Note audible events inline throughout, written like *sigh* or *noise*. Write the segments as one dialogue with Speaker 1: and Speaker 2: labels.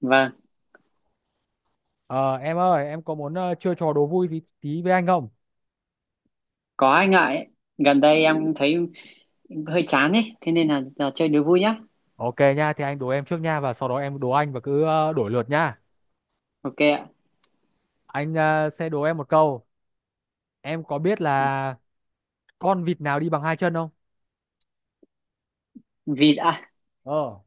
Speaker 1: Vâng,
Speaker 2: Ờ, em ơi, em có muốn chơi trò đố vui tí với anh không?
Speaker 1: có anh ngại ấy. Gần đây em thấy hơi chán ấy, thế nên là chơi đố vui nhá.
Speaker 2: Ok nha, thì anh đố em trước nha và sau đó em đố anh và cứ đổi lượt nha.
Speaker 1: Ok ạ.
Speaker 2: Anh sẽ đố em một câu. Em có biết là con vịt nào đi bằng hai chân không?
Speaker 1: Vịt à?
Speaker 2: Ờ.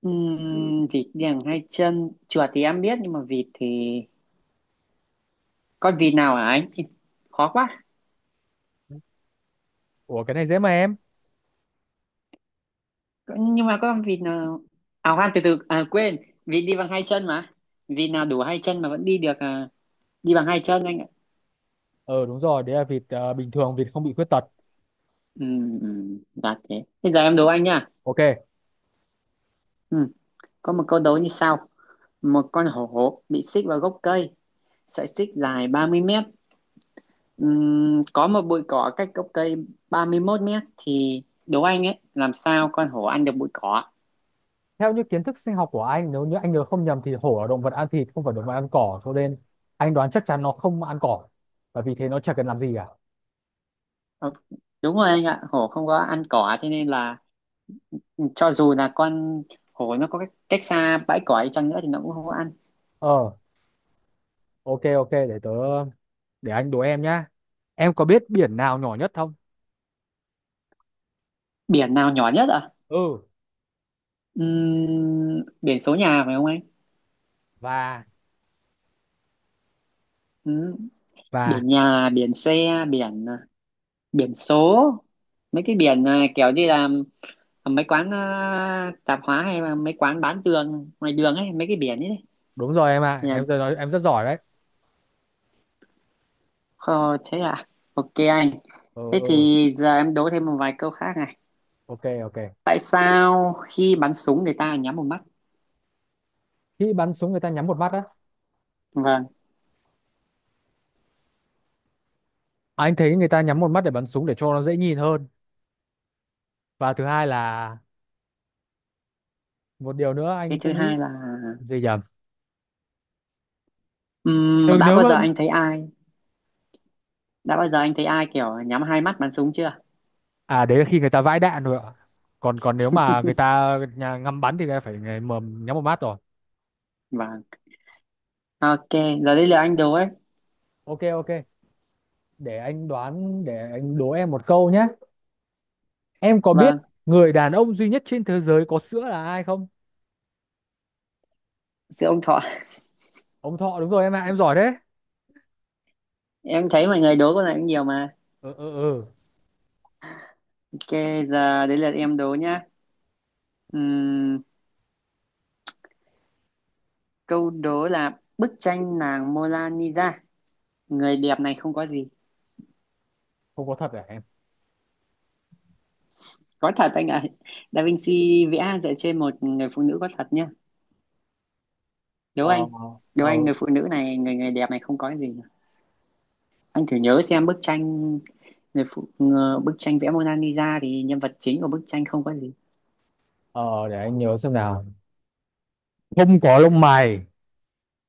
Speaker 1: Vịt đèn hai chân, chuột thì em biết nhưng mà vịt thì con vịt nào hả anh? Thì khó quá.
Speaker 2: Ủa, cái này dễ mà em.
Speaker 1: Nhưng mà con vịt nào à khoan từ từ à quên, vịt đi bằng hai chân mà. Vịt nào đủ hai chân mà vẫn đi được à, đi bằng hai chân anh ạ.
Speaker 2: Ờ, đúng rồi, đấy là vịt bình thường, vịt không bị khuyết tật.
Speaker 1: Dạ thế. Bây giờ em đố anh nha.
Speaker 2: Ok.
Speaker 1: Ừm, có một câu đố như sau. Một con hổ bị xích vào gốc cây, sợi xích dài 30 mét. Có một bụi cỏ cách gốc cây 31 mét thì đố anh ấy làm sao con hổ ăn được bụi cỏ.
Speaker 2: Theo những kiến thức sinh học của anh, nếu như anh nhớ không nhầm thì hổ là động vật ăn thịt, không phải động vật ăn cỏ, cho nên anh đoán chắc chắn nó không ăn cỏ. Và vì thế nó chả cần làm gì cả.
Speaker 1: Ờ, đúng rồi anh ạ, hổ không có ăn cỏ thế nên là cho dù là con hổ nó có cách xa bãi cỏ đi chăng nữa thì nó cũng không có ăn.
Speaker 2: Ờ, ok, ok, để anh đố em nhá. Em có biết biển nào nhỏ nhất không?
Speaker 1: Biển nào nhỏ nhất ạ?
Speaker 2: Ừ.
Speaker 1: Biển số nhà phải không anh?
Speaker 2: và
Speaker 1: Ừm,
Speaker 2: và
Speaker 1: biển nhà biển xe biển à, biển số mấy cái biển à, kiểu như là à, mấy quán à, tạp hóa hay là mấy quán bán tường ngoài đường ấy mấy cái biển ấy.
Speaker 2: đúng rồi em ạ, em rất giỏi đấy.
Speaker 1: Ờ, thế à? Ok anh.
Speaker 2: Ừ,
Speaker 1: Thế
Speaker 2: ừ.
Speaker 1: thì giờ em đố thêm một vài câu khác này.
Speaker 2: Ok, ok.
Speaker 1: Tại sao khi bắn súng người ta nhắm một mắt?
Speaker 2: Khi bắn súng người ta nhắm một mắt á?
Speaker 1: Vâng.
Speaker 2: Anh thấy người ta nhắm một mắt để bắn súng để cho nó dễ nhìn hơn. Và thứ hai là một điều nữa
Speaker 1: Cái
Speaker 2: anh
Speaker 1: thứ
Speaker 2: cũng nghĩ.
Speaker 1: hai là
Speaker 2: Gì, nhầm. Ừ,
Speaker 1: đã
Speaker 2: nếu
Speaker 1: bao
Speaker 2: mà...
Speaker 1: giờ anh thấy ai? Đã bao giờ anh thấy ai kiểu nhắm hai mắt bắn súng chưa?
Speaker 2: À, đấy là khi người ta vãi đạn rồi ạ. Còn còn nếu mà người ta nhà ngắm bắn thì người ta phải mà nhắm một mắt rồi.
Speaker 1: Vâng. Ok. Giờ đây là anh đố ấy.
Speaker 2: Ok, ok. Để anh đố em một câu nhé. Em có biết
Speaker 1: Vâng.
Speaker 2: người đàn ông duy nhất trên thế giới có sữa là ai không?
Speaker 1: Sự ông Thọ. *laughs*
Speaker 2: Ông Thọ, đúng rồi em ạ, em giỏi đấy.
Speaker 1: Em thấy mọi người đố con này cũng nhiều mà.
Speaker 2: Ừ, ừ, ừ.
Speaker 1: Ok. Giờ đến lượt em đố nhá. Ừm, câu đố là bức tranh nàng Mona Lisa. Người đẹp này không có gì
Speaker 2: Không có thật à em?
Speaker 1: có thật anh ạ. Da Vinci vẽ dựa trên một người phụ nữ có thật nhá. Đố
Speaker 2: Ờ,
Speaker 1: anh, đố anh
Speaker 2: ờ,
Speaker 1: người phụ nữ này người người đẹp này không có cái gì cả. Anh thử nhớ xem bức tranh người phụ ngờ- bức tranh vẽ Mona Lisa thì nhân vật chính của bức tranh không có gì.
Speaker 2: ờ, để anh nhớ xem nào. Không có lông mày.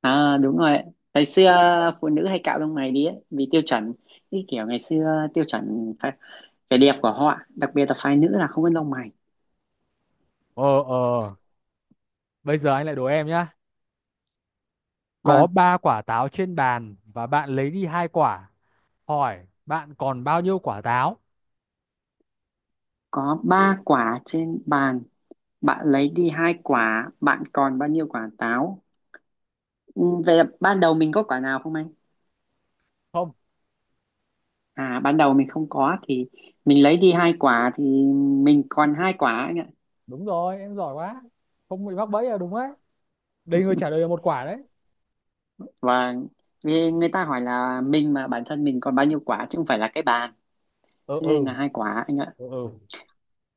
Speaker 1: À đúng rồi, ngày xưa phụ nữ hay cạo lông mày đi ấy, vì tiêu chuẩn, cái kiểu ngày xưa tiêu chuẩn phải, vẻ đẹp của họ đặc biệt là phái nữ là không có lông mày.
Speaker 2: Ờ, ờ, bây giờ anh lại đố em nhá. Có
Speaker 1: Vâng,
Speaker 2: ba quả táo trên bàn và bạn lấy đi hai quả. Hỏi bạn còn bao nhiêu quả táo?
Speaker 1: có ba quả trên bàn, bạn lấy đi hai quả, bạn còn bao nhiêu quả táo? Về ban đầu mình có quả nào không anh?
Speaker 2: Không.
Speaker 1: À ban đầu mình không có thì mình lấy đi hai quả thì mình còn hai quả anh ạ.
Speaker 2: Đúng rồi, em giỏi quá. Không bị mắc bẫy là đúng đấy. Đây người trả lời là một quả đấy.
Speaker 1: Và vì người ta hỏi là mình mà bản thân mình còn bao nhiêu quả chứ không phải là cái bàn.
Speaker 2: Ừ,
Speaker 1: Thế nên
Speaker 2: ừ,
Speaker 1: là hai quả anh ạ.
Speaker 2: ừ, ừ,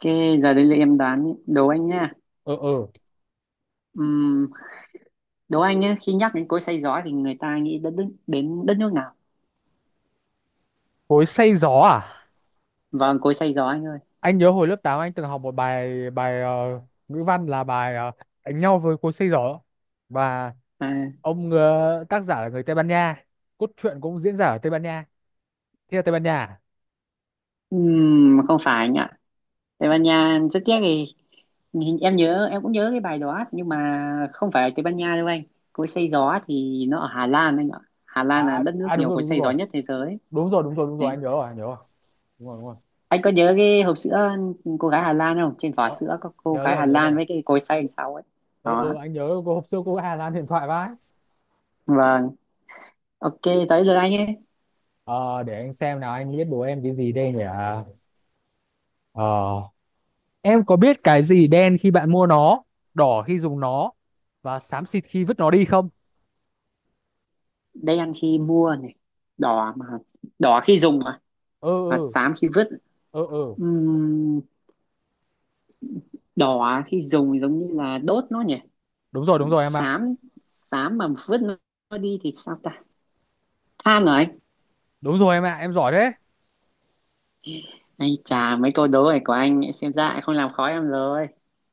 Speaker 1: Cái giờ đây là em đoán đố anh nha.
Speaker 2: ừ, ừ.
Speaker 1: Ừm, đố anh nhé, khi nhắc đến cối xay gió thì người ta nghĩ đến đất nước nào?
Speaker 2: Cối xay gió à?
Speaker 1: Vâng, cối xay gió anh ơi.
Speaker 2: Anh nhớ hồi lớp 8 anh từng học một bài bài ngữ văn là bài đánh nhau với cối xây giỏ. Và
Speaker 1: À,
Speaker 2: ông tác giả là người Tây Ban Nha. Cốt truyện cũng diễn ra ở Tây Ban Nha, thế là Tây Ban Nha.
Speaker 1: không phải anh ạ. Tây Ban Nha rất tiếc thì Nhìn- em nhớ em cũng nhớ cái bài đó nhưng mà không phải ở Tây Ban Nha đâu anh. Cối xay gió thì nó ở Hà Lan anh ạ. Hà Lan
Speaker 2: À,
Speaker 1: là
Speaker 2: à,
Speaker 1: đất nước
Speaker 2: à, đúng
Speaker 1: nhiều
Speaker 2: rồi,
Speaker 1: cối
Speaker 2: đúng
Speaker 1: xay gió
Speaker 2: rồi,
Speaker 1: nhất thế giới.
Speaker 2: đúng rồi, đúng rồi, đúng rồi,
Speaker 1: Đấy,
Speaker 2: anh nhớ rồi, anh nhớ rồi, đúng rồi, đúng rồi.
Speaker 1: anh có nhớ cái hộp sữa cô gái Hà Lan không, trên vỏ
Speaker 2: Đó.
Speaker 1: sữa có cô
Speaker 2: Nhớ
Speaker 1: gái
Speaker 2: rồi,
Speaker 1: Hà
Speaker 2: nhớ
Speaker 1: Lan
Speaker 2: rồi.
Speaker 1: với cái cối xay đằng sau ấy.
Speaker 2: Ừ, ừ,
Speaker 1: Đó.
Speaker 2: anh nhớ cô hôm xưa, cô Hà Lan điện thoại vãi.
Speaker 1: Vâng. Ok. Tới lượt anh ấy.
Speaker 2: Ờ, để anh xem nào, anh biết đố em cái gì đây nhỉ. Ờ, em có biết cái gì đen khi bạn mua nó, đỏ khi dùng nó, và xám xịt khi vứt nó đi không?
Speaker 1: Đây ăn khi mua này, đỏ mà, đỏ khi dùng mà,
Speaker 2: Ừ,
Speaker 1: và
Speaker 2: ừ,
Speaker 1: xám khi vứt.
Speaker 2: ừ, ừ,
Speaker 1: Ừm, đỏ khi dùng thì giống như là đốt nó nhỉ.
Speaker 2: đúng rồi, đúng
Speaker 1: Còn
Speaker 2: rồi em ạ,
Speaker 1: xám, xám mà vứt nó đi thì sao ta, than rồi anh.
Speaker 2: đúng rồi em ạ, em giỏi đấy.
Speaker 1: Anh chà, mấy câu đố này của anh ấy, xem ra lại không làm khó em rồi.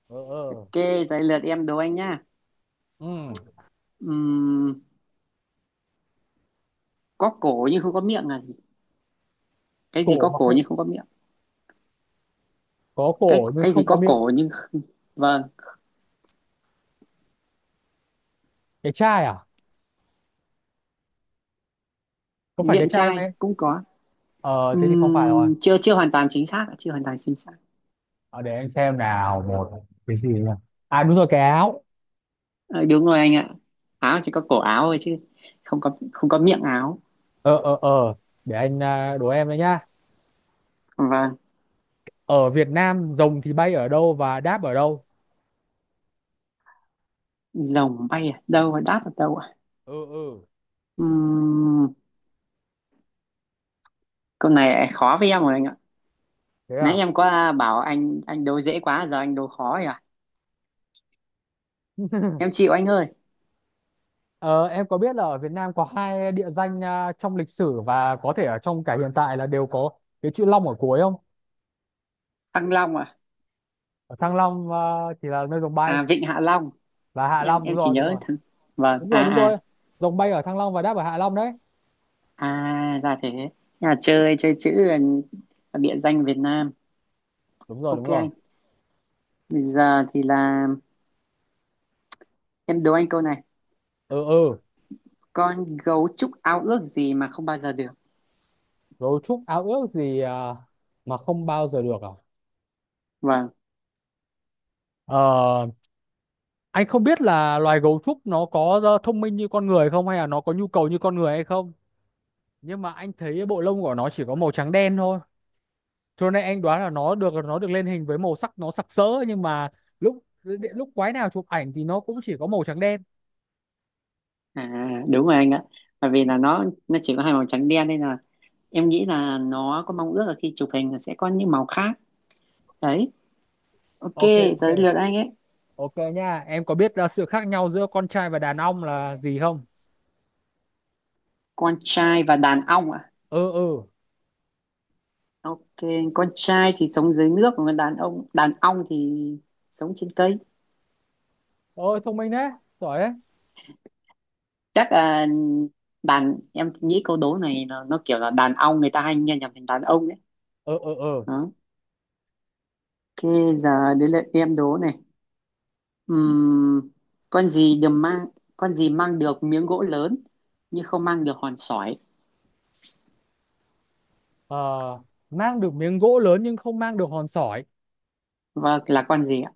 Speaker 2: Ừ, ừ,
Speaker 1: Ok, giấy lượt em đố anh nhá.
Speaker 2: ừ.
Speaker 1: Ừm, có cổ nhưng không có miệng là gì? Cái gì
Speaker 2: cổ
Speaker 1: có
Speaker 2: mà
Speaker 1: cổ
Speaker 2: không
Speaker 1: nhưng không có miệng?
Speaker 2: Có
Speaker 1: Cái
Speaker 2: cổ nhưng
Speaker 1: cái gì
Speaker 2: không có
Speaker 1: có
Speaker 2: miệng.
Speaker 1: cổ nhưng không- vâng,
Speaker 2: Cái chai à? Có phải cái
Speaker 1: miệng
Speaker 2: chai không
Speaker 1: chai
Speaker 2: em?
Speaker 1: cũng có.
Speaker 2: Ờ thế thì không phải rồi.
Speaker 1: Chưa chưa hoàn toàn chính xác, ạ, chưa hoàn toàn chính xác.
Speaker 2: Ờ, để anh xem nào, một cái gì nhỉ? À, đúng rồi, cái áo.
Speaker 1: Ờ, đúng rồi anh ạ. Áo chỉ có cổ áo thôi chứ không có miệng áo.
Speaker 2: Ờ, ờ, ờ, để anh à, đố em đấy nhá.
Speaker 1: Vâng,
Speaker 2: Ở Việt Nam rồng thì bay ở đâu và đáp ở đâu?
Speaker 1: rồng bay ở đâu đáp ở đâu ạ?
Speaker 2: Ừ, ừ,
Speaker 1: Ừm, câu này khó với em rồi anh ạ.
Speaker 2: thế
Speaker 1: Nãy
Speaker 2: à?
Speaker 1: em có bảo anh đố dễ quá giờ anh đố khó rồi ạ. Em
Speaker 2: *laughs*
Speaker 1: chịu anh ơi.
Speaker 2: Ờ, em có biết là ở Việt Nam có hai địa danh à, trong lịch sử và có thể ở trong cả hiện tại là đều có cái chữ Long ở cuối không?
Speaker 1: Thăng Long à,
Speaker 2: Ở Thăng Long chỉ là nơi dòng bay.
Speaker 1: à Vịnh Hạ Long.
Speaker 2: Và Hạ
Speaker 1: em
Speaker 2: Long, đúng
Speaker 1: em chỉ
Speaker 2: rồi, đúng
Speaker 1: nhớ
Speaker 2: rồi.
Speaker 1: thằng, vâng,
Speaker 2: Đúng
Speaker 1: à
Speaker 2: rồi, đúng
Speaker 1: à,
Speaker 2: rồi. Dòng bay ở Thăng Long và đáp ở Hạ Long đấy.
Speaker 1: à ra thế. Nhà chơi chơi chữ là địa danh Việt Nam.
Speaker 2: Đúng rồi, đúng
Speaker 1: Ok
Speaker 2: rồi.
Speaker 1: anh, bây giờ thì là em đố anh câu này.
Speaker 2: Ừ, ừ.
Speaker 1: Con gấu trúc ao ước gì mà không bao giờ được?
Speaker 2: Gấu trúc ao ước gì mà không bao giờ được à?
Speaker 1: Vâng.
Speaker 2: ờ, anh không biết là loài gấu trúc nó có thông minh như con người không, hay là nó có nhu cầu như con người hay không. Nhưng mà anh thấy bộ lông của nó chỉ có màu trắng đen thôi. Cho nên anh đoán là nó được lên hình với màu sắc nó sặc sỡ nhưng mà lúc lúc quái nào chụp ảnh thì nó cũng chỉ có màu trắng đen.
Speaker 1: À đúng rồi anh ạ, bởi vì là nó chỉ có hai màu trắng đen nên là em nghĩ là nó có mong ước là khi chụp hình là sẽ có những màu khác. Đấy. Ok.
Speaker 2: Ok, ok.
Speaker 1: Giờ đến lượt anh ấy.
Speaker 2: Ok nha, em có biết sự khác nhau giữa con trai và đàn ông là gì không?
Speaker 1: Con trai và đàn ong ạ.
Speaker 2: Ừ, ừ.
Speaker 1: Ok, con trai thì sống dưới nước, còn đàn ông đàn ong thì sống trên cây.
Speaker 2: Ôi thông minh đấy, giỏi đấy.
Speaker 1: Chắc là đàn em nghĩ câu đố này nó kiểu là đàn ong người ta hay nghe nhầm thành đàn ông đấy.
Speaker 2: Ừ, ừ, ừ.
Speaker 1: Đó. Ok, giờ đến lượt em đố này. Ừm, con gì được mang, con gì mang được miếng gỗ lớn nhưng không mang được hòn sỏi.
Speaker 2: Ờ, mang được miếng gỗ lớn nhưng không mang được hòn sỏi.
Speaker 1: Vâng, là con gì ạ?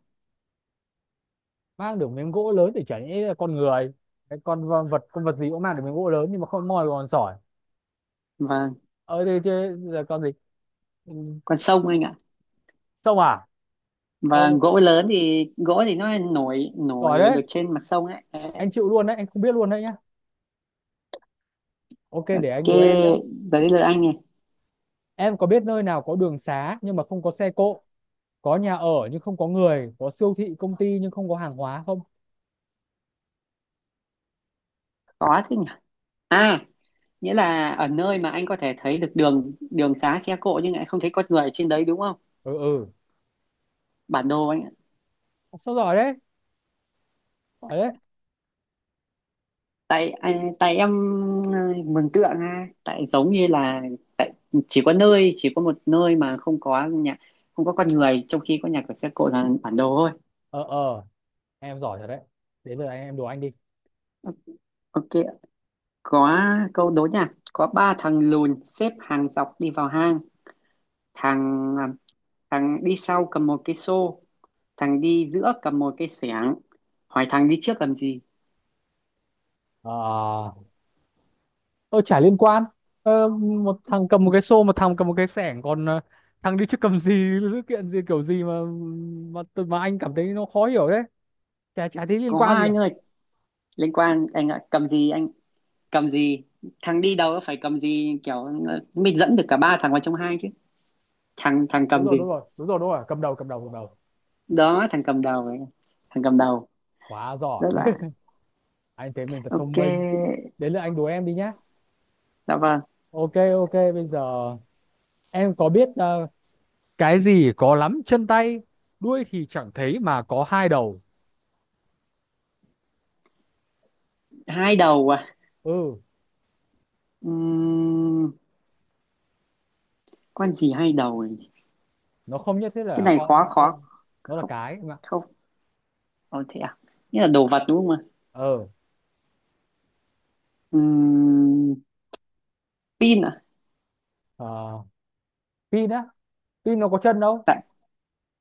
Speaker 2: Mang được miếng gỗ lớn thì chẳng nhẽ là con người. Cái vật con vật gì cũng mang được miếng gỗ lớn nhưng mà không moi được hòn sỏi.
Speaker 1: Vâng,
Speaker 2: Ờ, thế thế là con gì? Ừ.
Speaker 1: con sông anh ạ.
Speaker 2: Sông à? Ừ,
Speaker 1: Vâng, gỗ lớn thì gỗ thì nó nổi nổi
Speaker 2: giỏi đấy.
Speaker 1: được trên mặt sông ấy. Đấy.
Speaker 2: Anh chịu luôn đấy, anh không biết luôn đấy nhá. Ok,
Speaker 1: Ok,
Speaker 2: để anh đố em nhá.
Speaker 1: giờ đến lượt anh này.
Speaker 2: Em có biết nơi nào có đường xá nhưng mà không có xe cộ? Có nhà ở nhưng không có người, có siêu thị công ty nhưng không có hàng hóa không?
Speaker 1: Có thế nhỉ? À, nghĩa là ở nơi mà anh có thể thấy được đường đường xá xe cộ nhưng lại không thấy con người ở trên đấy đúng không?
Speaker 2: Ừ, ừ.
Speaker 1: Bản đồ anh ạ.
Speaker 2: Sao giỏi đấy, giỏi đấy.
Speaker 1: Tại anh- tại em, ờ, mường tượng ha tại giống như là chỉ có nơi chỉ có một nơi mà không có nhà, không có con người trong khi có nhà cửa xe cộ là bản đồ thôi.
Speaker 2: Ờ, ờ. Em giỏi thật đấy. Đến giờ anh em đùa anh đi.
Speaker 1: Ok, có câu đố nha, có ba thằng lùn xếp hàng dọc đi vào hang, thằng à, thằng đi sau cầm một cái xô, thằng đi giữa cầm một cái xẻng, hỏi thằng đi trước làm gì.
Speaker 2: Ờ, tôi chả liên quan. Một thằng cầm một cái xô, một thằng cầm một cái xẻng, còn thằng đi trước cầm gì? Sự kiện gì kiểu gì mà anh cảm thấy nó khó hiểu thế. Chả chả thấy liên
Speaker 1: Có
Speaker 2: quan gì cả.
Speaker 1: anh ơi, liên quan anh ạ, cầm gì anh, cầm gì, thằng đi đầu phải cầm gì kiểu mình dẫn được cả ba thằng vào trong hai chứ, thằng thằng
Speaker 2: Đúng
Speaker 1: cầm
Speaker 2: rồi,
Speaker 1: gì.
Speaker 2: đúng rồi, đúng rồi, đúng rồi, cầm đầu, cầm đầu, cầm đầu.
Speaker 1: Đó thằng cầm đầu ấy. Thằng cầm đầu
Speaker 2: Quá giỏi.
Speaker 1: rất là.
Speaker 2: *laughs* Anh thấy mình thật thông
Speaker 1: Ok.
Speaker 2: minh. Đến lượt anh đùa em đi nhá.
Speaker 1: Dạ vâng.
Speaker 2: Ok, ok, bây giờ em có biết cái gì có lắm chân tay, đuôi thì chẳng thấy mà có hai đầu?
Speaker 1: Hai đầu à?
Speaker 2: Ừ.
Speaker 1: Ừm, con gì hai đầu ấy?
Speaker 2: Nó không nhất thiết
Speaker 1: Cái
Speaker 2: là
Speaker 1: này
Speaker 2: con
Speaker 1: khó
Speaker 2: đâu.
Speaker 1: khó
Speaker 2: Nó là
Speaker 1: không.
Speaker 2: cái em ạ.
Speaker 1: Không. Ồ thế à, nghĩa là đồ vật đúng không ạ?
Speaker 2: Ờ,
Speaker 1: Ừm, pin à?
Speaker 2: ờ, pin á, pin nó có chân đâu.
Speaker 1: Tại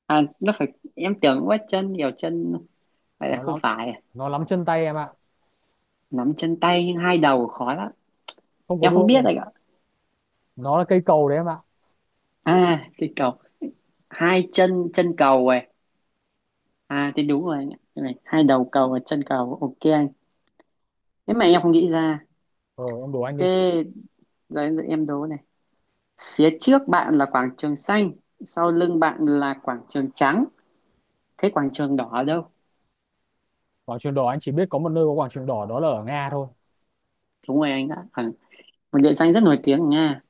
Speaker 1: à nó phải em tưởng quá chân nhiều chân, vậy là
Speaker 2: nó
Speaker 1: không
Speaker 2: lắm,
Speaker 1: phải à?
Speaker 2: nó lắm chân tay em ạ,
Speaker 1: Nắm chân tay nhưng hai đầu khó lắm.
Speaker 2: không có
Speaker 1: Em không
Speaker 2: đuôi
Speaker 1: biết
Speaker 2: đâu.
Speaker 1: anh ạ.
Speaker 2: Nó là cây cầu đấy em ạ.
Speaker 1: À cái cầu, hai chân chân cầu này, à thì đúng rồi anh ạ. Cái này hai đầu cầu và chân cầu. Ok anh, nếu mà em không nghĩ ra.
Speaker 2: Ờ, em đố anh đi.
Speaker 1: Ok rồi, giờ em đố này. Phía trước bạn là quảng trường xanh, sau lưng bạn là quảng trường trắng, thế quảng trường đỏ ở đâu?
Speaker 2: Quảng trường đỏ anh chỉ biết có một nơi có quảng trường đỏ đó là ở Nga thôi.
Speaker 1: Đúng rồi anh ạ, à, một địa danh rất nổi tiếng ở Nga.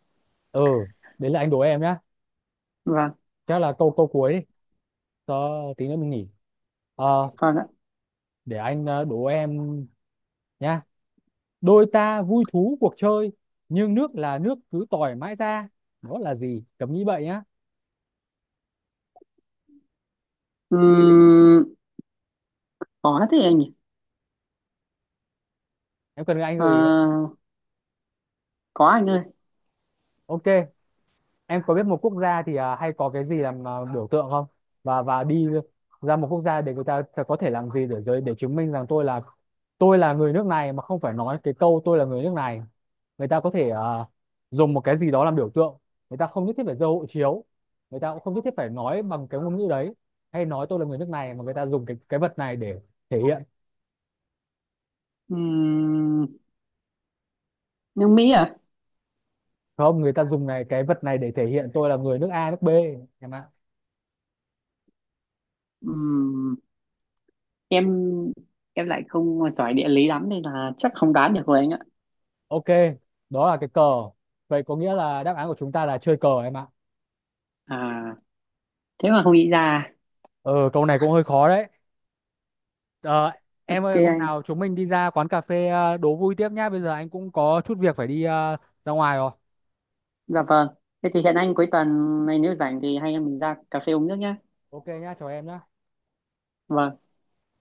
Speaker 2: Ừ, đấy là anh đố em nhá.
Speaker 1: Vâng.
Speaker 2: Chắc là câu câu cuối đi, cho tí nữa mình nghỉ. Ờ.
Speaker 1: Vâng ạ.
Speaker 2: Để anh đố em nhá. Đôi ta vui thú cuộc chơi, nhưng nước là nước cứ tỏi mãi ra. Đó là gì? Cấm nghĩ vậy nhá.
Speaker 1: Ừm, có thế anh nhỉ.
Speaker 2: Em cần anh
Speaker 1: Ờ,
Speaker 2: gợi ý không?
Speaker 1: có anh ơi.
Speaker 2: Ok. Em có biết một quốc gia thì à, hay có cái gì làm à, biểu tượng không? Và đi ra một quốc gia để người ta ta có thể làm gì để chứng minh rằng tôi là người nước này mà không phải nói cái câu tôi là người nước này. Người ta có thể à, dùng một cái gì đó làm biểu tượng. Người ta không nhất thiết phải giơ hộ chiếu. Người ta cũng không nhất thiết phải nói bằng cái ngôn ngữ đấy, hay nói tôi là người nước này mà người ta dùng cái vật này để thể hiện.
Speaker 1: Ừm, nước Mỹ à?
Speaker 2: Không, người ta dùng này cái vật này để thể hiện tôi là người nước A nước B em ạ.
Speaker 1: Ừm, em em lại không giỏi địa lý lắm nên là chắc không đoán được rồi anh ạ.
Speaker 2: Ok. Đó là cái cờ. Vậy có nghĩa là đáp án của chúng ta là chơi cờ em ạ.
Speaker 1: À thế mà không nghĩ ra.
Speaker 2: Ờ, câu này cũng hơi khó đấy. ờ, em
Speaker 1: Ok
Speaker 2: ơi hôm
Speaker 1: anh.
Speaker 2: nào chúng mình đi ra quán cà phê đố vui tiếp nhá, bây giờ anh cũng có chút việc phải đi ra ngoài rồi.
Speaker 1: Dạ vâng. Thế thì hẹn anh cuối tuần này nếu rảnh thì hai anh em mình ra cà phê uống nước nhá.
Speaker 2: Ok nhá, chào em nhá.
Speaker 1: Vâng.